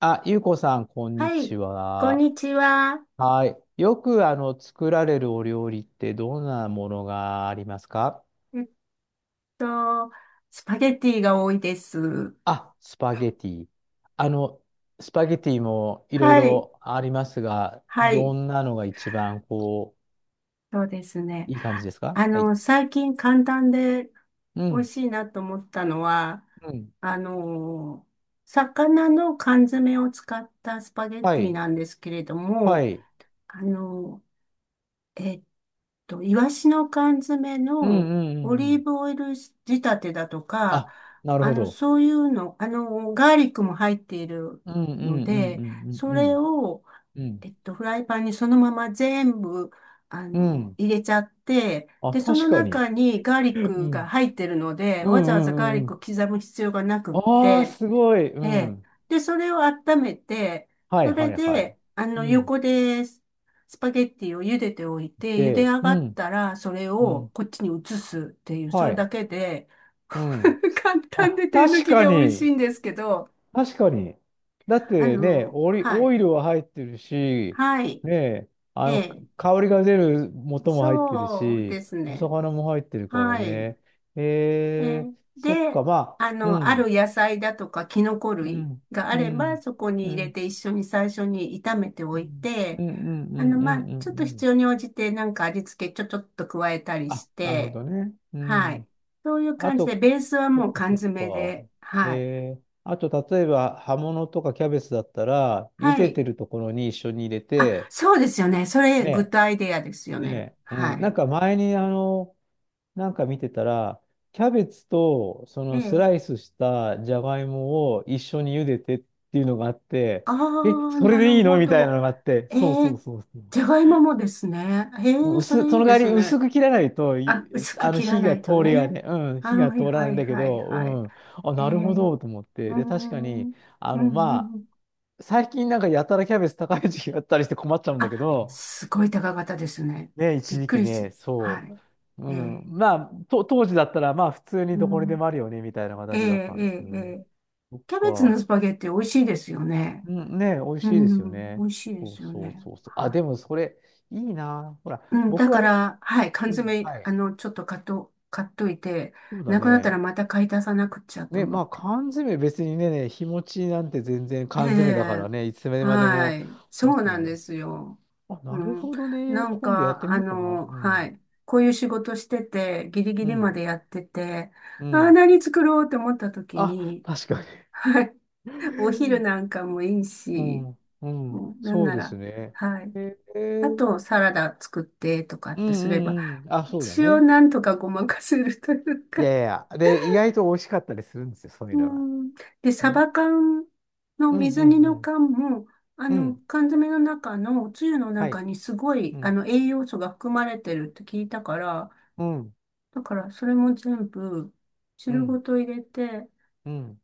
あ、ゆうこさん、こんにはい、ちこんは。にちは。はい。よく、作られるお料理ってどんなものがありますか？えっと、スパゲティが多いです。あ、スパゲティ。あの、スパゲティもいろいはい、ろありますが、はどい、んなのが一番、そうですね。いい感じですか？はい。最近簡単でう美味ん。しいなと思ったのは、うん。あの、魚の缶詰を使ったスパゲはティい。なんですけれどはも、い。あの、えっイワシの缶詰うん、のうん、うオんうリん。ーブオイル仕立てだとか、あ、なるほど。そういうの、ガーリックも入っているうん、うん、うのん、うで、ん、そうん、うれん。を、うん。フライパンにそのまま全部、うん。入れちゃって、あ、で、そ確のかに。中にガーリッうクん。が入ってるので、うん、うわざわざガん、ーうリッんうクをん。刻む必要がなくっああ、て、すごい。うええ。ん。で、それを温めて、はいそはれいはい。で、うん。横でスパゲッティを茹でておいて、茹でで、上うがっん。たら、それうをん。こっちに移すっていう、そはれい。だけで、うん。簡単あ、で手抜確きかで美味しに。いんですけど、確かに。だってね、はオい。イルは入ってるし、はい。ね、あえの、え。香りが出る元も入ってるそうし、ですおね。魚も入ってるからはい。ね。えー、そっで、か、まあ、うあん。る野菜だとかキノコう類ん。があうれば、ん。そこにう入れん。て一緒に最初に炒めておういん。て、うん。うん。うん。うん。まうあ、んちょっとう必ん。要に応じてなんか味付けちょっと加えたりしあ、なるほて、どね。うはい。ん。そういうあ感じで、と、ベースはそっもうか缶そっ詰か。で、はい。あと、例えば、葉物とかキャベツだったら、茹はでい。てるところに一緒に入れあ、て、そうですよね。それ、グッね、ドアイデアですよね。ね、うはん、ない。んか前に、なんか見てたら、キャベツと、そえのスラえ。イスしたじゃがいもを一緒に茹でてっていうのがあって、あえ、あ、それなでるいいのほみたいど。なのがあって、えそうそうえ、そうそう。じゃがいももですね。ええ、それそいいので代すわり薄ね。く切らないと、あ、薄く切ら火ながい通とりがね。ね、うん、火がはい通らなはいんいだけはいはい。ど、うん、あ、へなるほえ、どと思っうて、ーで、確かん、うに、ん、うまん。あ、最近なんかやたらキャベツ高い時期があったりして困っちゃうんだあ、けど、すごい高かったですね。ね、び一っ時く期りね、し、はそい。う、うええ、ん、まあ、当時だったら、まあ、普通にうどこにでん、もあるよね、みたいなえ形だっえ、たんですけええ、どえね。え、そっキャベツのか、スパゲッティ美味しいですよね。うん、ね、美味うしいですよん、美ね。味しいでそすうよそうね。そうそう。あ、はでもそれ、いいな。ほら、い。うん、だ僕か割と、ら、はい、缶うん、詰、はい、ちょっと買っといて、そうだなくなったね。らまた買い足さなくっちゃとね、思まっあて。缶詰別にね、日持ちなんて全然え缶詰だかえ、らね、いつまではもい、そ持うつなもんのでだし。すよ。あ、うなるん、ほどね。なん今度やっか、てみようかな。うはん。い、こういう仕事してて、ギリギうリまん。でやってて、うああ、ん。何作ろうと思った時あ、に、確かはい、お昼に。なん かもいいうし、ん。うん。もう、なんそうなですら、ね。はい、えあー、と、サラダ作ってとかうっんてすうれば、んうん。あ、そうだ一応ね。なんとかごまかせるといういか、やいやいや。で、意外と美味しかったりするんですよ、そういううのが。ん。で、サね。バ缶のうん水う煮のん缶も、うん。うん。缶詰の中のおつゆのは中い。にすごい、うん。栄養素が含まれてるって聞いたから、うん。だからそれも全部う汁ごん。と入れてっうん。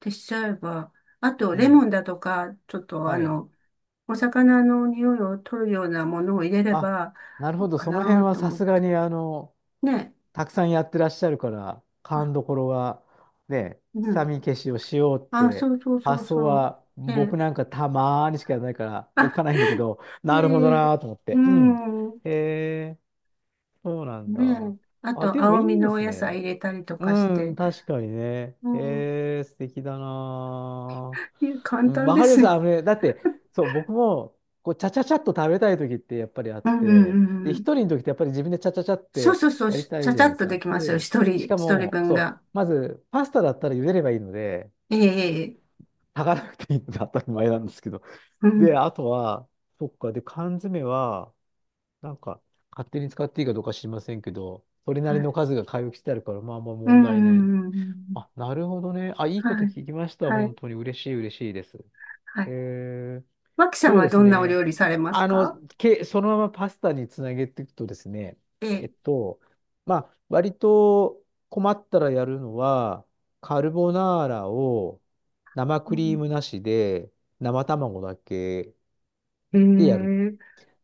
てしちゃえば、あとうレモん。ンだとか、ちょっとはい。お魚の匂いを取るようなものを入れれあ、ば、なるほど。かその辺なはとさ思っすがて。に、ね。たくさんやってらっしゃるから、あ、勘どころは、ね、う臭ん。み消しをしようっあ、て、そうそうそう発想そはう。ね。僕なんかたまーにしかやらないから、置あ、かないんだけど、ねなるほどえ、なーと思っうて。うん。ん。へえ、そうなんねだ。え。ああ、と、でもい青みいでのおす野菜ね。入れたりとかしうん、て。確かにね。うん。へえ、素敵だないやー。簡うん、単わでかりますす。あよ。のね、だって、そう、僕も、こう、ちゃちゃちゃっと食べたい時ってやっぱりあっうんうんうて、んで、う一ん。人の時ってやっぱり自分でちゃちゃちゃっそうてそうそう。やりしたちいゃじちゃゃないでっすとでか。きますよ。で、しか一人も、分そう、が。まず、パスタだったら茹でればいいので、ええ、ええ、炊かなくていいので当たり前なんですけど。うん。で、あとは、そっか、で、缶詰は、なんか、勝手に使っていいかどうか知りませんけど、それなはりのい。数が買い置きしてあるから、まあまあう問んう題ない。んうんうん。あ、なるほどね。あ、いいこはとい。聞きました。は本い。当に嬉しい、嬉しいです。はえい。ー、マキさんそうはですどんなおね。料理されますあの、か？そのままパスタにつなげていくとですね、ええっえ。と、まあ、割と困ったらやるのは、カルボナーラを生うクリーん。ムなしで、生卵だけえでやる。え。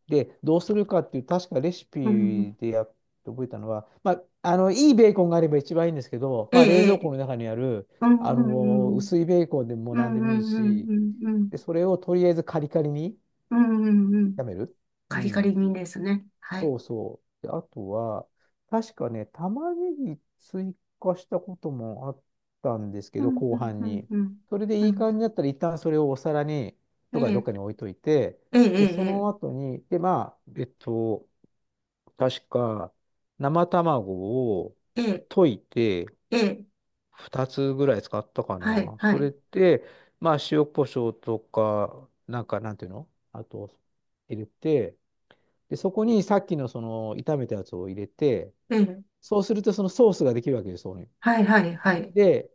で、どうするかっていう、確かレシうん。ピで覚えたのは、まあ、いいベーコンがあれば一番いいんですけど、ええ。まあ、冷蔵庫ええ、の中にある、うんうんうん。薄いベーコンでもう何でんうもいいし、んうんうん。で、それをとりあえずカリカリにうんうんうんうん。炒める。うカリカん。リにですね。はい。そうそう。で、あとは、確かね、玉ねぎ追加したこともあったんですけうど、ん、う後ん、半うん、に。うん。それうでいいん、感じだったら、一旦それをお皿に、えとかどっえ、かに置いといて、えで、そえ、の後に、で、まあ、確か、生卵をええ、ええ、溶いて、ええ、2つぐらい使ったかはい、な。そはい、れで、まあ、塩コショウとか、なんか、なんていうのあと、入れて、で、そこにさっきのその炒めたやつを入れて、ええ、そうするとそのソースができるわけです、そこに。はい、はい、はい、で、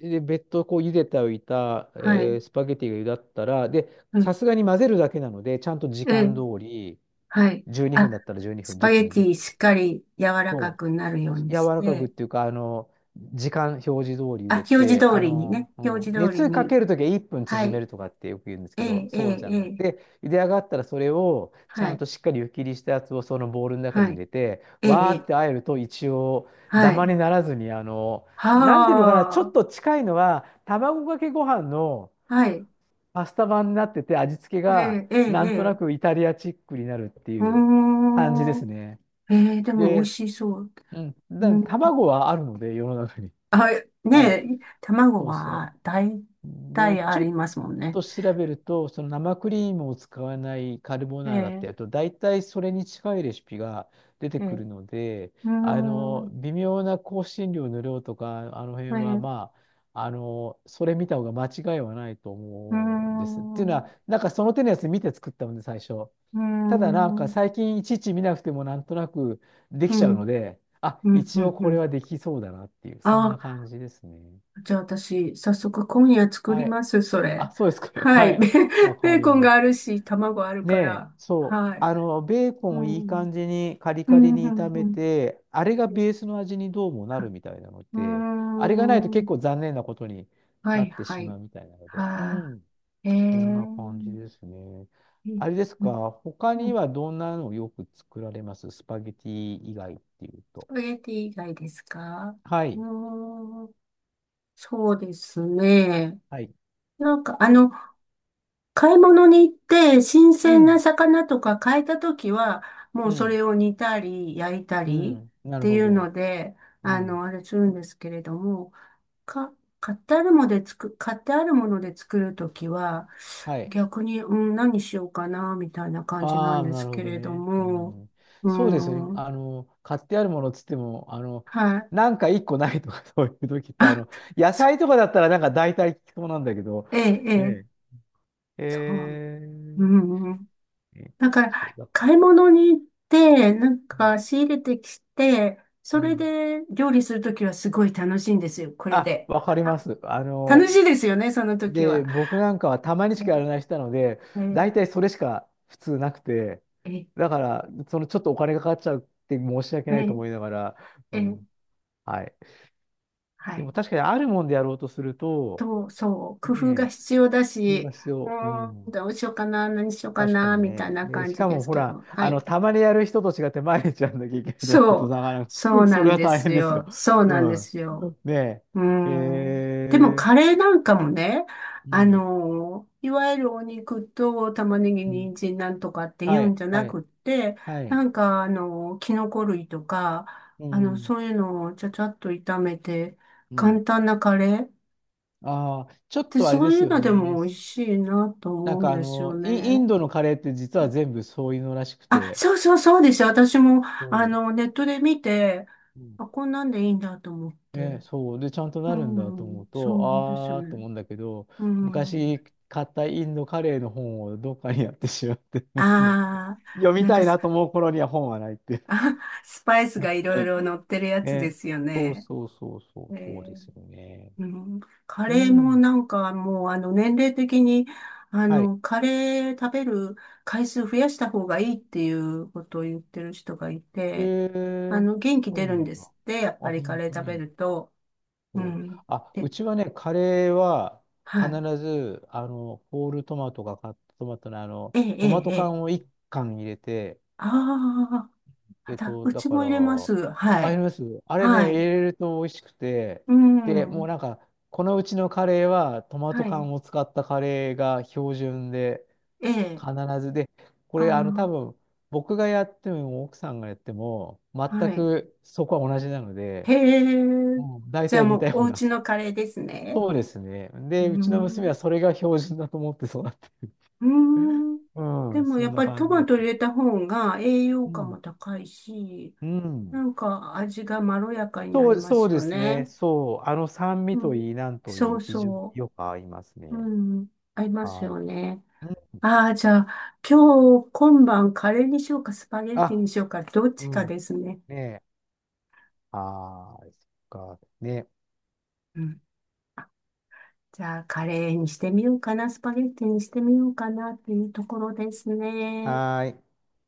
で、別途こう茹でておいた、はい、スパゲティが茹だったら、で、うさん、すがに混ぜるだけなので、ちゃんと時ええ、間通り、はい。12あ、分だったら12ス分、パ1分ゲならテ10ィ分。しっかり柔らかくなるように柔しらかくって、ていうか、時間表示通り茹あ、で表示て、通りにね、う表ん、示通り熱かに、けるときは1分は縮めい、るとかってよく言うんですえけど、え、えそうえ、じゃえない。え、で、茹で上がったらそれをちゃはんい、としっかり湯切りしたやつをそのボウルの中はに入い、れて、ええ、わーえっえ、てあえると一応はダマい、にならずに、なんていうのかな、ちょはっと近いのは、卵かけご飯のあ、はい、パスタ版になってて、味付けえがえ、ええ、なえんとなえ、くイタリアチックになるっていうう感じでーすん、ね。ええ、でも美味で、しそう。うん。だから卵はあるので、世の中に。あ、ねはい。え、卵そうそは大う。で、体ちあょっりますもんね。と調べると、その生クリームを使わないカルボえナーラってえ、やると、大体それに近いレシピが出てえくえ、るので、うーん、微妙な香辛料の量とか、あの辺ええ、は、うまあ、それ見た方が間違いはないとー思うんです。っていうのん、うは、なんかその手のやつ見て作ったので、最初。ーただなんん、かうん、最近いちいち見なくてもなんとなくでうきちゃうん、ので、あ、うん、一応うこれん。はできそうだなっていう、そんなあ、感じですね。じゃあ私、早速今夜作はりい。ます、そあ、れ。そうですか。ははい。い。わかベーりコンまがしあた。るし、卵あるねかえ、ら。そう。はい。ベーコうンをいいん、感じにカリうカリん、にう炒ん、めうん。て、あれがベースの味にどうもなるみたいなのうーで、あれがないと結ん。構残念なことにはない、ってはしい。まうみたいなので。うはあ、ん。ええ。こんうな感じんですね。あれですか、他うにん、はどんなのをよく作られますスパゲティ以外っていうスと？パゲティ以外ですか？はうい。ーん、そうですね。はい。なんか、買い物に行って、新う鮮なん。魚とか買えたときは、もううそん。れを煮たり、焼いたうりっん。なるていほうど。ので、うん。あれするんですけれども、か、買ってあるもので作るときは、はい。逆に、うん、何しようかな、みたいな感じなあんあ、でなするほけどれどね。うも、ん。うそうですよね。ん、買ってあるものっつっても、はい。なんか一個ないとか そういう時って、あ、野そ 菜とかだったらなんか大体聞きそうなんだけど、ええ、ええ。ねえ。そう。うん、ねだかそうら、だ。買い物に行って、なんうん。か仕入れてきて、うそれん。で料理するときはすごい楽しいんですよ、これあ、で。わかりまあ、す。楽しいですよね、その時で、は。僕なんかはたまにしかやらえ、ない人なので、え、大体それしか普通なくて、え、だから、そのちょっとお金がかかっちゃうって申し訳ないと思いえ、ながら、うえ、ん、はい。はでい。も確かにあるもんでやろうとすると、と、そう、工夫がねえ、必要だ工夫がし、必う要。うーん、ん、どうしようかな、何しようか確かな、にみたいね。なで感しじかでもすほけら、ど、はい。たまにやる人と違って毎日やんなきゃいけないとなるそと、う、なかなか、そう そなれんはで大す変ですよ。よ。そううなんでん。すよ。ねうーえ。ん。でもカレーなんかもね、うん。いわゆるお肉と玉ねぎ、うん。人参なんとかっては言うい、んじゃはない。くって、はない。んかキノコ類とか、うん。そういうのをちゃちゃっと炒めて、うん。簡単なカレーっああ、ちょってとあれそでういすうよのでね。も美味しいなとなん思うんかですよインね。ドのカレーって実は全部そういうのらしくあ、て。そうそうそうです。私も、そネットで見て、う。うん。あ、こんなんでいいんだと思っね、て。そう。で、ちゃんとうなるんだと思うん、と、そうですああ、とね。思うんだけど、うん。昔買ったインドカレーの本をどっかにやってしまって、ああ、読みなんたかいなと思う頃には本はないっていう。スパイスがいろいろ乗って るやつでね。すよそうね。そうそうそえう、そうでーすよね。うん、カうレーもん。なんかもう年齢的にはい。カレー食べる回数増やした方がいいっていうことを言ってる人がいえて、ー、元気そ出うるなんんでだ。すって、やっあ、ぱりカ本レー当食べに。ると。うそう。ん。あ、で、うちはね、カレーはは必い。ず、ホールトマトがカットトマトのええ、ええ、トマトええ。缶を1缶入れて、あーあ、うだちかもら、入れます。はあ、りい。ます。あれね、は入い。れると美味しくて、うで、もん。うなんか、このうちのカレーはトマトはい。缶を使ったカレーが標準で、え必え。ずで、こあれ、多あ。分、僕がやっても奥さんがやっても、全はい。くそこは同じなので、へうえ。ん、大じゃあ体似もたうよおうな。家のカレーですね。そうですね。うーで、うちの娘ん。はそれが標準だと思って育って。うーん。うでん、もそやっんなぱり感トじマでト入す。れた方が栄養う価もん。高いし、うなん。んか味がまろやかになそりう、まそうすでよすね。ね。そう。あの酸味うとん。いい、なんとそいい、う非常にそよく合いますう。ね。うん。合いますはい。よね。うん、ああ、じゃあ今日今晩カレーにしようかスパゲッティあ、にしようかどっうちかん。ですね。ねえ。はーい。そっか。ね。うん。じゃあカレーにしてみようかな、スパゲッティにしてみようかなっていうところですね。はーい。